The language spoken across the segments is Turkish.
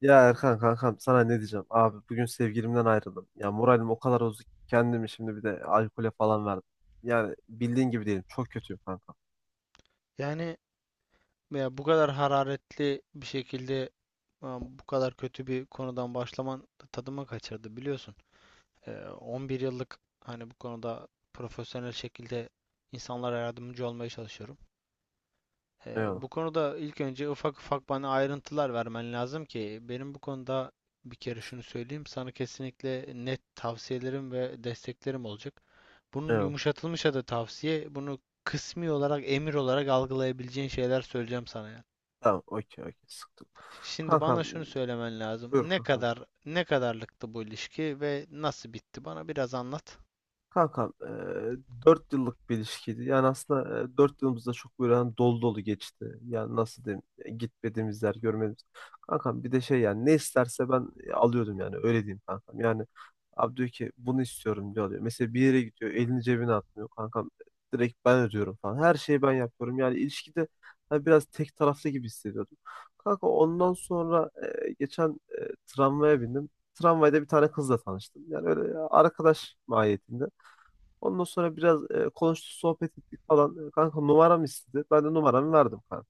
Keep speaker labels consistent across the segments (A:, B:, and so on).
A: Ya Erkan kankam, sana ne diyeceğim? Abi bugün sevgilimden ayrıldım. Ya moralim o kadar bozuk ki kendimi şimdi bir de alkole falan verdim. Yani bildiğin gibi değilim. Çok kötüyüm kankam.
B: Yani veya bu kadar hararetli bir şekilde bu kadar kötü bir konudan başlaman tadıma kaçırdı biliyorsun. 11 yıllık hani bu konuda profesyonel şekilde insanlara yardımcı olmaya çalışıyorum.
A: Eyvallah.
B: Bu konuda ilk önce ufak ufak bana ayrıntılar vermen lazım ki benim bu konuda bir kere şunu söyleyeyim. Sana kesinlikle net tavsiyelerim ve desteklerim olacak. Bunun
A: Eyvallah.
B: yumuşatılmış adı tavsiye. Bunu kısmi olarak emir olarak algılayabileceğin şeyler söyleyeceğim sana yani.
A: Tamam, okey okey, sıktım.
B: Şimdi
A: Kankam,
B: bana şunu söylemen lazım.
A: buyur
B: Ne
A: kankam.
B: kadar ne kadarlıktı bu ilişki ve nasıl bitti? Bana biraz anlat.
A: Kankam, 4 yıllık bir ilişkiydi. Yani aslında 4 yılımız da çok böyle hani dolu dolu geçti. Yani nasıl diyeyim, gitmediğimiz yer görmediğimiz. Kankam bir de şey, yani ne isterse ben alıyordum, yani öyle diyeyim kankam. Yani abi diyor ki bunu istiyorum, diyor alıyor. Mesela bir yere gidiyor, elini cebine atmıyor kankam. Direkt ben ödüyorum falan. Her şeyi ben yapıyorum. Yani ilişkide hani biraz tek taraflı gibi hissediyordum. Kanka, ondan sonra geçen tramvaya bindim. Tramvayda bir tane kızla tanıştım. Yani öyle arkadaş mahiyetinde. Ondan sonra biraz konuştuk, sohbet ettik falan. Kanka, numaramı istedi. Ben de numaramı verdim kanka.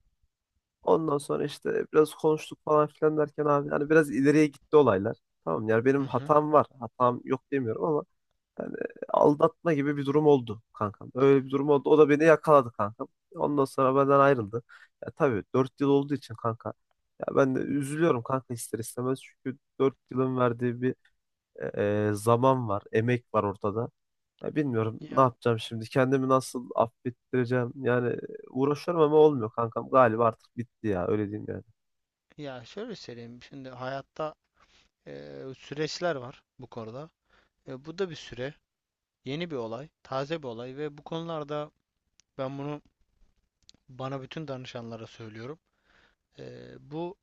A: Ondan sonra işte biraz konuştuk falan filan derken abi, yani biraz ileriye gitti olaylar. Tamam, yani
B: Hı
A: benim
B: hı.
A: hatam var. Hatam yok demiyorum ama yani aldatma gibi bir durum oldu kankam. Öyle bir durum oldu. O da beni yakaladı kankam. Ondan sonra benden ayrıldı. Ya tabii 4 yıl olduğu için kanka. Ya ben de üzülüyorum kanka, ister istemez. Çünkü 4 yılın verdiği bir zaman var, emek var ortada. Ya bilmiyorum ne
B: Ya
A: yapacağım şimdi. Kendimi nasıl affettireceğim? Yani uğraşıyorum ama olmuyor kankam. Galiba artık bitti ya. Öyle diyeyim yani.
B: ya şöyle söyleyeyim. Şimdi hayatta süreçler var bu konuda. E, bu da bir süre, yeni bir olay, taze bir olay ve bu konularda ben bunu bana bütün danışanlara söylüyorum. Bu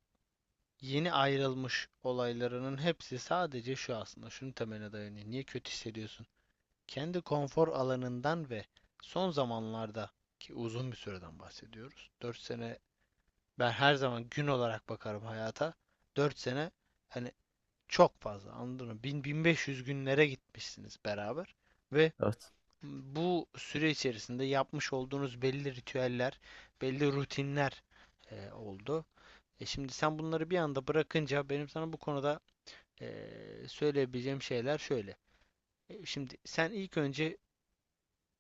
B: yeni ayrılmış olaylarının hepsi sadece şu aslında. Şunun temeline dayanıyor. Niye kötü hissediyorsun? Kendi konfor alanından ve son zamanlarda ki uzun bir süreden bahsediyoruz. Dört sene, ben her zaman gün olarak bakarım hayata. 4 sene hani çok fazla, anladın mı? 1.500 günlere gitmişsiniz beraber ve
A: Evet.
B: bu süre içerisinde yapmış olduğunuz belli ritüeller, belli rutinler oldu. E şimdi sen bunları bir anda bırakınca benim sana bu konuda e, söyleyebileceğim şeyler şöyle. Şimdi sen ilk önce,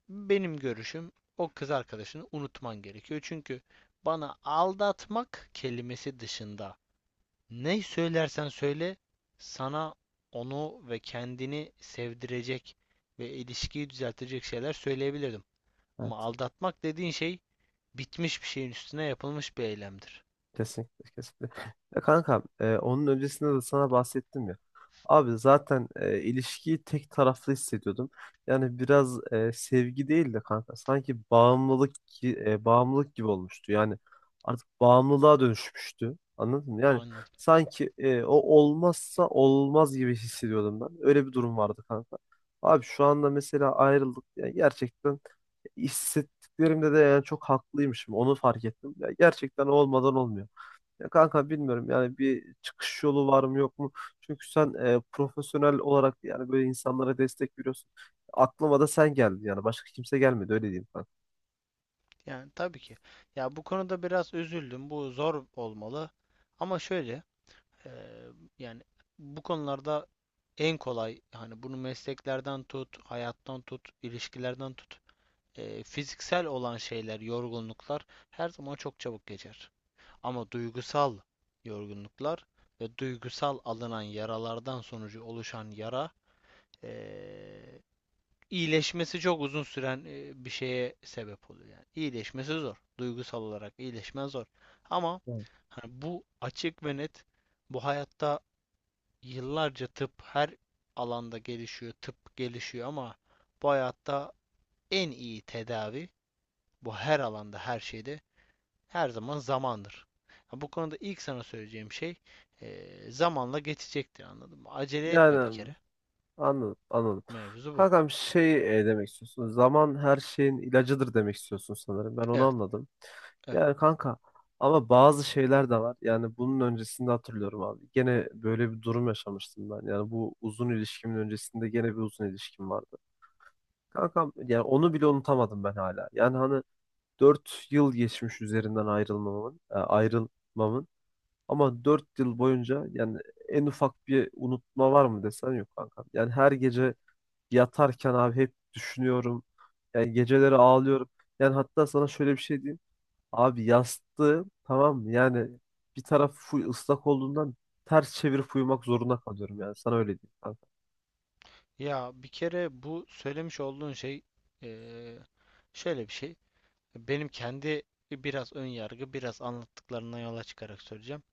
B: benim görüşüm, o kız arkadaşını unutman gerekiyor. Çünkü bana aldatmak kelimesi dışında ne söylersen söyle sana onu ve kendini sevdirecek ve ilişkiyi düzeltecek şeyler söyleyebilirdim. Ama
A: Evet.
B: aldatmak dediğin şey bitmiş bir şeyin üstüne yapılmış bir eylemdir.
A: Kesinlikle, kesinlikle. Ya kankam, onun öncesinde de sana bahsettim ya. Abi zaten ilişkiyi tek taraflı hissediyordum. Yani biraz sevgi değil de kanka, sanki bağımlılık bağımlılık gibi olmuştu. Yani artık bağımlılığa dönüşmüştü. Anladın mı? Yani
B: Anladım.
A: sanki o olmazsa olmaz gibi hissediyordum ben. Öyle bir durum vardı kanka. Abi şu anda mesela ayrıldık. Yani gerçekten hissettiklerimde de yani çok haklıymışım. Onu fark ettim. Ya gerçekten olmadan olmuyor. Ya kanka, bilmiyorum, yani bir çıkış yolu var mı yok mu? Çünkü sen profesyonel olarak yani böyle insanlara destek veriyorsun. Aklıma da sen geldin, yani başka kimse gelmedi, öyle diyeyim kanka.
B: Yani tabii ki. Ya bu konuda biraz üzüldüm. Bu zor olmalı. Ama şöyle Eee, Yani bu konularda en kolay hani bunu mesleklerden tut, hayattan tut, ilişkilerden tut. Fiziksel olan şeyler, yorgunluklar her zaman çok çabuk geçer. Ama duygusal yorgunluklar ve duygusal alınan yaralardan sonucu oluşan yara, eee, iyileşmesi çok uzun süren bir şeye sebep oluyor. Yani iyileşmesi zor. Duygusal olarak iyileşme zor. Ama
A: Evet.
B: hani bu açık ve net, bu hayatta yıllarca tıp her alanda gelişiyor, tıp gelişiyor ama bu hayatta en iyi tedavi, bu her alanda, her şeyde, her zaman zamandır. Ha, bu konuda ilk sana söyleyeceğim şey, zamanla geçecektir, anladın mı? Acele etme bir
A: Yani
B: kere.
A: anladım, anladım.
B: Mevzu bu.
A: Kankam, şey, demek istiyorsun. Zaman her şeyin ilacıdır demek istiyorsun sanırım. Ben onu
B: Evet,
A: anladım.
B: evet.
A: Yani kanka, ama bazı şeyler de var. Yani bunun öncesinde hatırlıyorum abi. Gene böyle bir durum yaşamıştım ben. Yani bu uzun ilişkimin öncesinde gene bir uzun ilişkim vardı. Kankam yani onu bile unutamadım ben hala. Yani hani 4 yıl geçmiş üzerinden ayrılmamın, ayrılmamın ama 4 yıl boyunca yani en ufak bir unutma var mı desen yok kankam. Yani her gece yatarken abi hep düşünüyorum. Yani geceleri ağlıyorum. Yani hatta sana şöyle bir şey diyeyim. Abi yastığı, tamam mı, yani bir taraf full ıslak olduğundan ters çevirip uyumak zorunda kalıyorum yani. Sana öyle diyeyim kankam.
B: Ya bir kere bu söylemiş olduğun şey eee, şöyle bir şey. Benim kendi biraz ön yargı, biraz anlattıklarından yola çıkarak söyleyeceğim.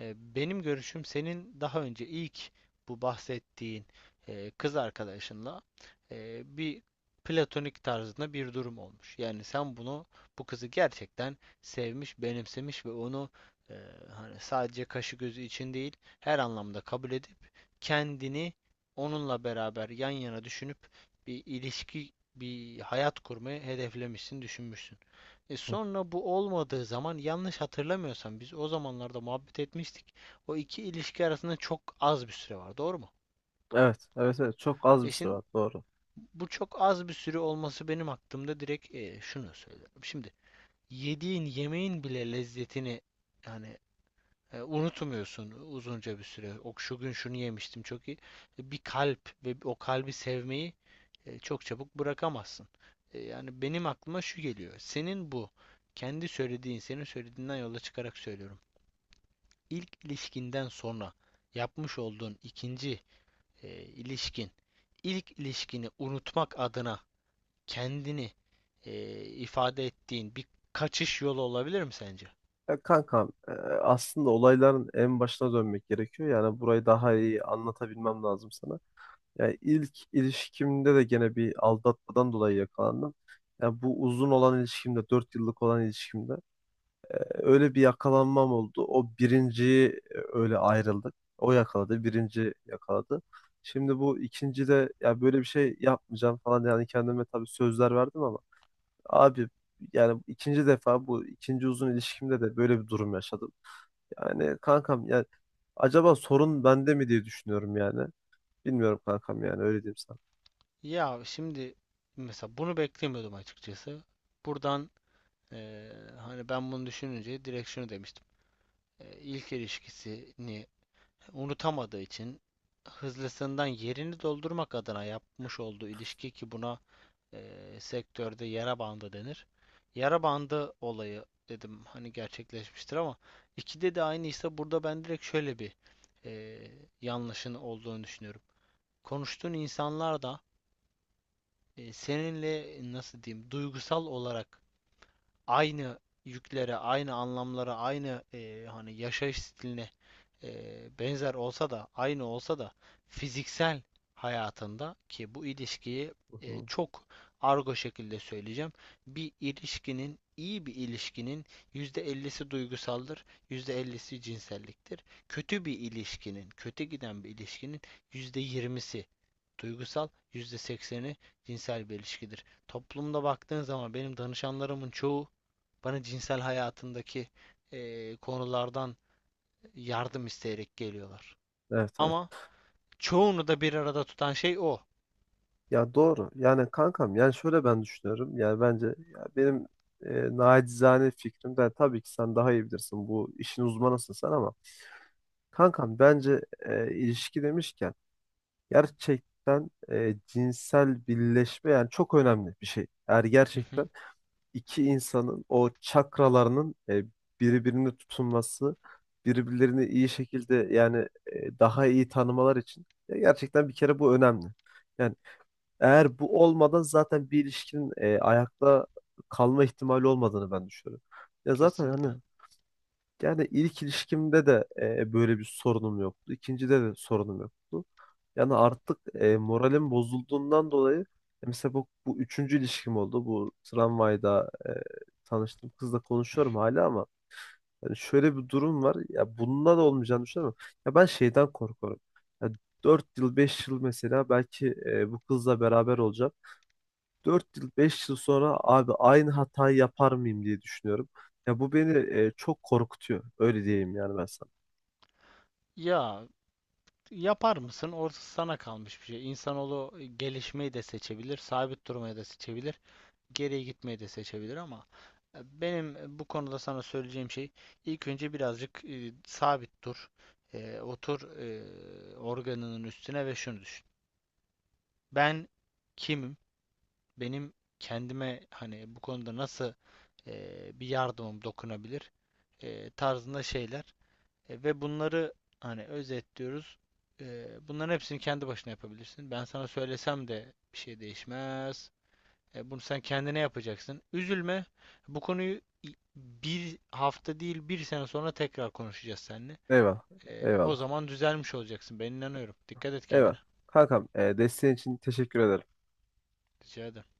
B: Benim görüşüm, senin daha önce ilk bu bahsettiğin kız arkadaşınla bir platonik tarzında bir durum olmuş. Yani sen bunu, bu kızı gerçekten sevmiş, benimsemiş ve onu e, hani sadece kaşı gözü için değil her anlamda kabul edip kendini onunla beraber yan yana düşünüp bir ilişki, bir hayat kurmayı hedeflemişsin, düşünmüşsün. E
A: Hı.
B: sonra bu olmadığı zaman, yanlış hatırlamıyorsam, biz o zamanlarda muhabbet etmiştik. O iki ilişki arasında çok az bir süre var, doğru mu?
A: Evet, evet, evet. Çok az bir
B: E
A: süre
B: şimdi
A: var. Doğru.
B: bu çok az bir süre olması benim aklımda direkt şunu söylüyorum. Şimdi yediğin yemeğin bile lezzetini yani unutmuyorsun uzunca bir süre. O şu gün şunu yemiştim, çok iyi. Bir kalp ve o kalbi sevmeyi çok çabuk bırakamazsın. Yani benim aklıma şu geliyor. Senin bu kendi söylediğin, senin söylediğinden yola çıkarak söylüyorum. İlk ilişkinden sonra yapmış olduğun ikinci ilişkin, ilk ilişkini unutmak adına kendini ifade ettiğin bir kaçış yolu olabilir mi sence?
A: Ya kankam, aslında olayların en başına dönmek gerekiyor. Yani burayı daha iyi anlatabilmem lazım sana. Yani ilk ilişkimde de gene bir aldatmadan dolayı yakalandım. Yani bu uzun olan ilişkimde, 4 yıllık olan ilişkimde öyle bir yakalanmam oldu. O birinciyi öyle ayrıldık. O yakaladı, birinci yakaladı. Şimdi bu ikinci de ya, böyle bir şey yapmayacağım falan, yani kendime tabii sözler verdim ama abi yani ikinci defa bu ikinci uzun ilişkimde de böyle bir durum yaşadım. Yani kankam, yani acaba sorun bende mi diye düşünüyorum yani. Bilmiyorum kankam, yani öyle diyeyim sana.
B: Ya şimdi mesela bunu beklemiyordum açıkçası. Buradan eee, hani ben bunu düşününce direkt şunu demiştim. İlk ilişkisini unutamadığı için hızlısından yerini doldurmak adına yapmış olduğu ilişki ki buna sektörde yara bandı denir. Yara bandı olayı dedim, hani gerçekleşmiştir ama ikide de aynıysa burada ben direkt şöyle bir eee yanlışın olduğunu düşünüyorum. Konuştuğun insanlar da seninle, nasıl diyeyim, duygusal olarak aynı yüklere, aynı anlamlara, aynı hani yaşayış stiline e, benzer olsa da, aynı olsa da fiziksel hayatında ki bu ilişkiyi
A: Hı hı.
B: çok argo şekilde söyleyeceğim. Bir ilişkinin, iyi bir ilişkinin %50'si duygusaldır, %50'si cinselliktir. Kötü bir ilişkinin, kötü giden bir ilişkinin %20'si duygusal, %80'i cinsel bir ilişkidir. Toplumda baktığın zaman benim danışanlarımın çoğu bana cinsel hayatındaki konulardan yardım isteyerek geliyorlar.
A: Evet, evet.
B: Ama çoğunu da bir arada tutan şey o.
A: Ya doğru. Yani kankam, yani şöyle ben düşünüyorum. Yani bence, ya benim nacizane fikrim, de tabii ki sen daha iyi bilirsin. Bu işin uzmanısın sen, ama kankam bence ilişki demişken gerçekten cinsel birleşme yani çok önemli bir şey. Eğer
B: Hı hı,
A: gerçekten iki insanın o çakralarının birbirini tutunması, birbirlerini iyi şekilde yani daha iyi tanımalar için gerçekten bir kere bu önemli. Yani eğer bu olmadan zaten bir ilişkinin ayakta kalma ihtimali olmadığını ben düşünüyorum. Ya zaten
B: kesinlikle.
A: hani yani ilk ilişkimde de böyle bir sorunum yoktu. İkincide de sorunum yoktu. Yani artık moralim bozulduğundan dolayı mesela bu üçüncü ilişkim oldu. Bu tramvayda tanıştığım kızla konuşuyorum hala, ama yani şöyle bir durum var. Ya bundan da olmayacağını düşünüyorum. Ya ben şeyden korkuyorum. Ya 4 yıl 5 yıl mesela belki bu kızla beraber olacağım. 4 yıl 5 yıl sonra abi aynı hatayı yapar mıyım diye düşünüyorum. Ya bu beni çok korkutuyor. Öyle diyeyim yani ben sana.
B: Ya yapar mısın? Orası sana kalmış bir şey. İnsanoğlu gelişmeyi de seçebilir, sabit durmayı da seçebilir, geriye gitmeyi de seçebilir ama benim bu konuda sana söyleyeceğim şey, ilk önce birazcık sabit dur. Otur organının üstüne ve şunu düşün. Ben kimim? Benim kendime hani bu konuda nasıl bir yardımım dokunabilir tarzında şeyler. Ve bunları hani özetliyoruz. Bunların hepsini kendi başına yapabilirsin. Ben sana söylesem de bir şey değişmez. Bunu sen kendine yapacaksın. Üzülme. Bu konuyu bir hafta değil bir sene sonra tekrar konuşacağız seninle.
A: Eyvallah.
B: O
A: Eyvallah.
B: zaman düzelmiş olacaksın. Ben inanıyorum. Dikkat et kendine.
A: Eyvallah. Kankam, desteğin için teşekkür ederim.
B: Rica ederim.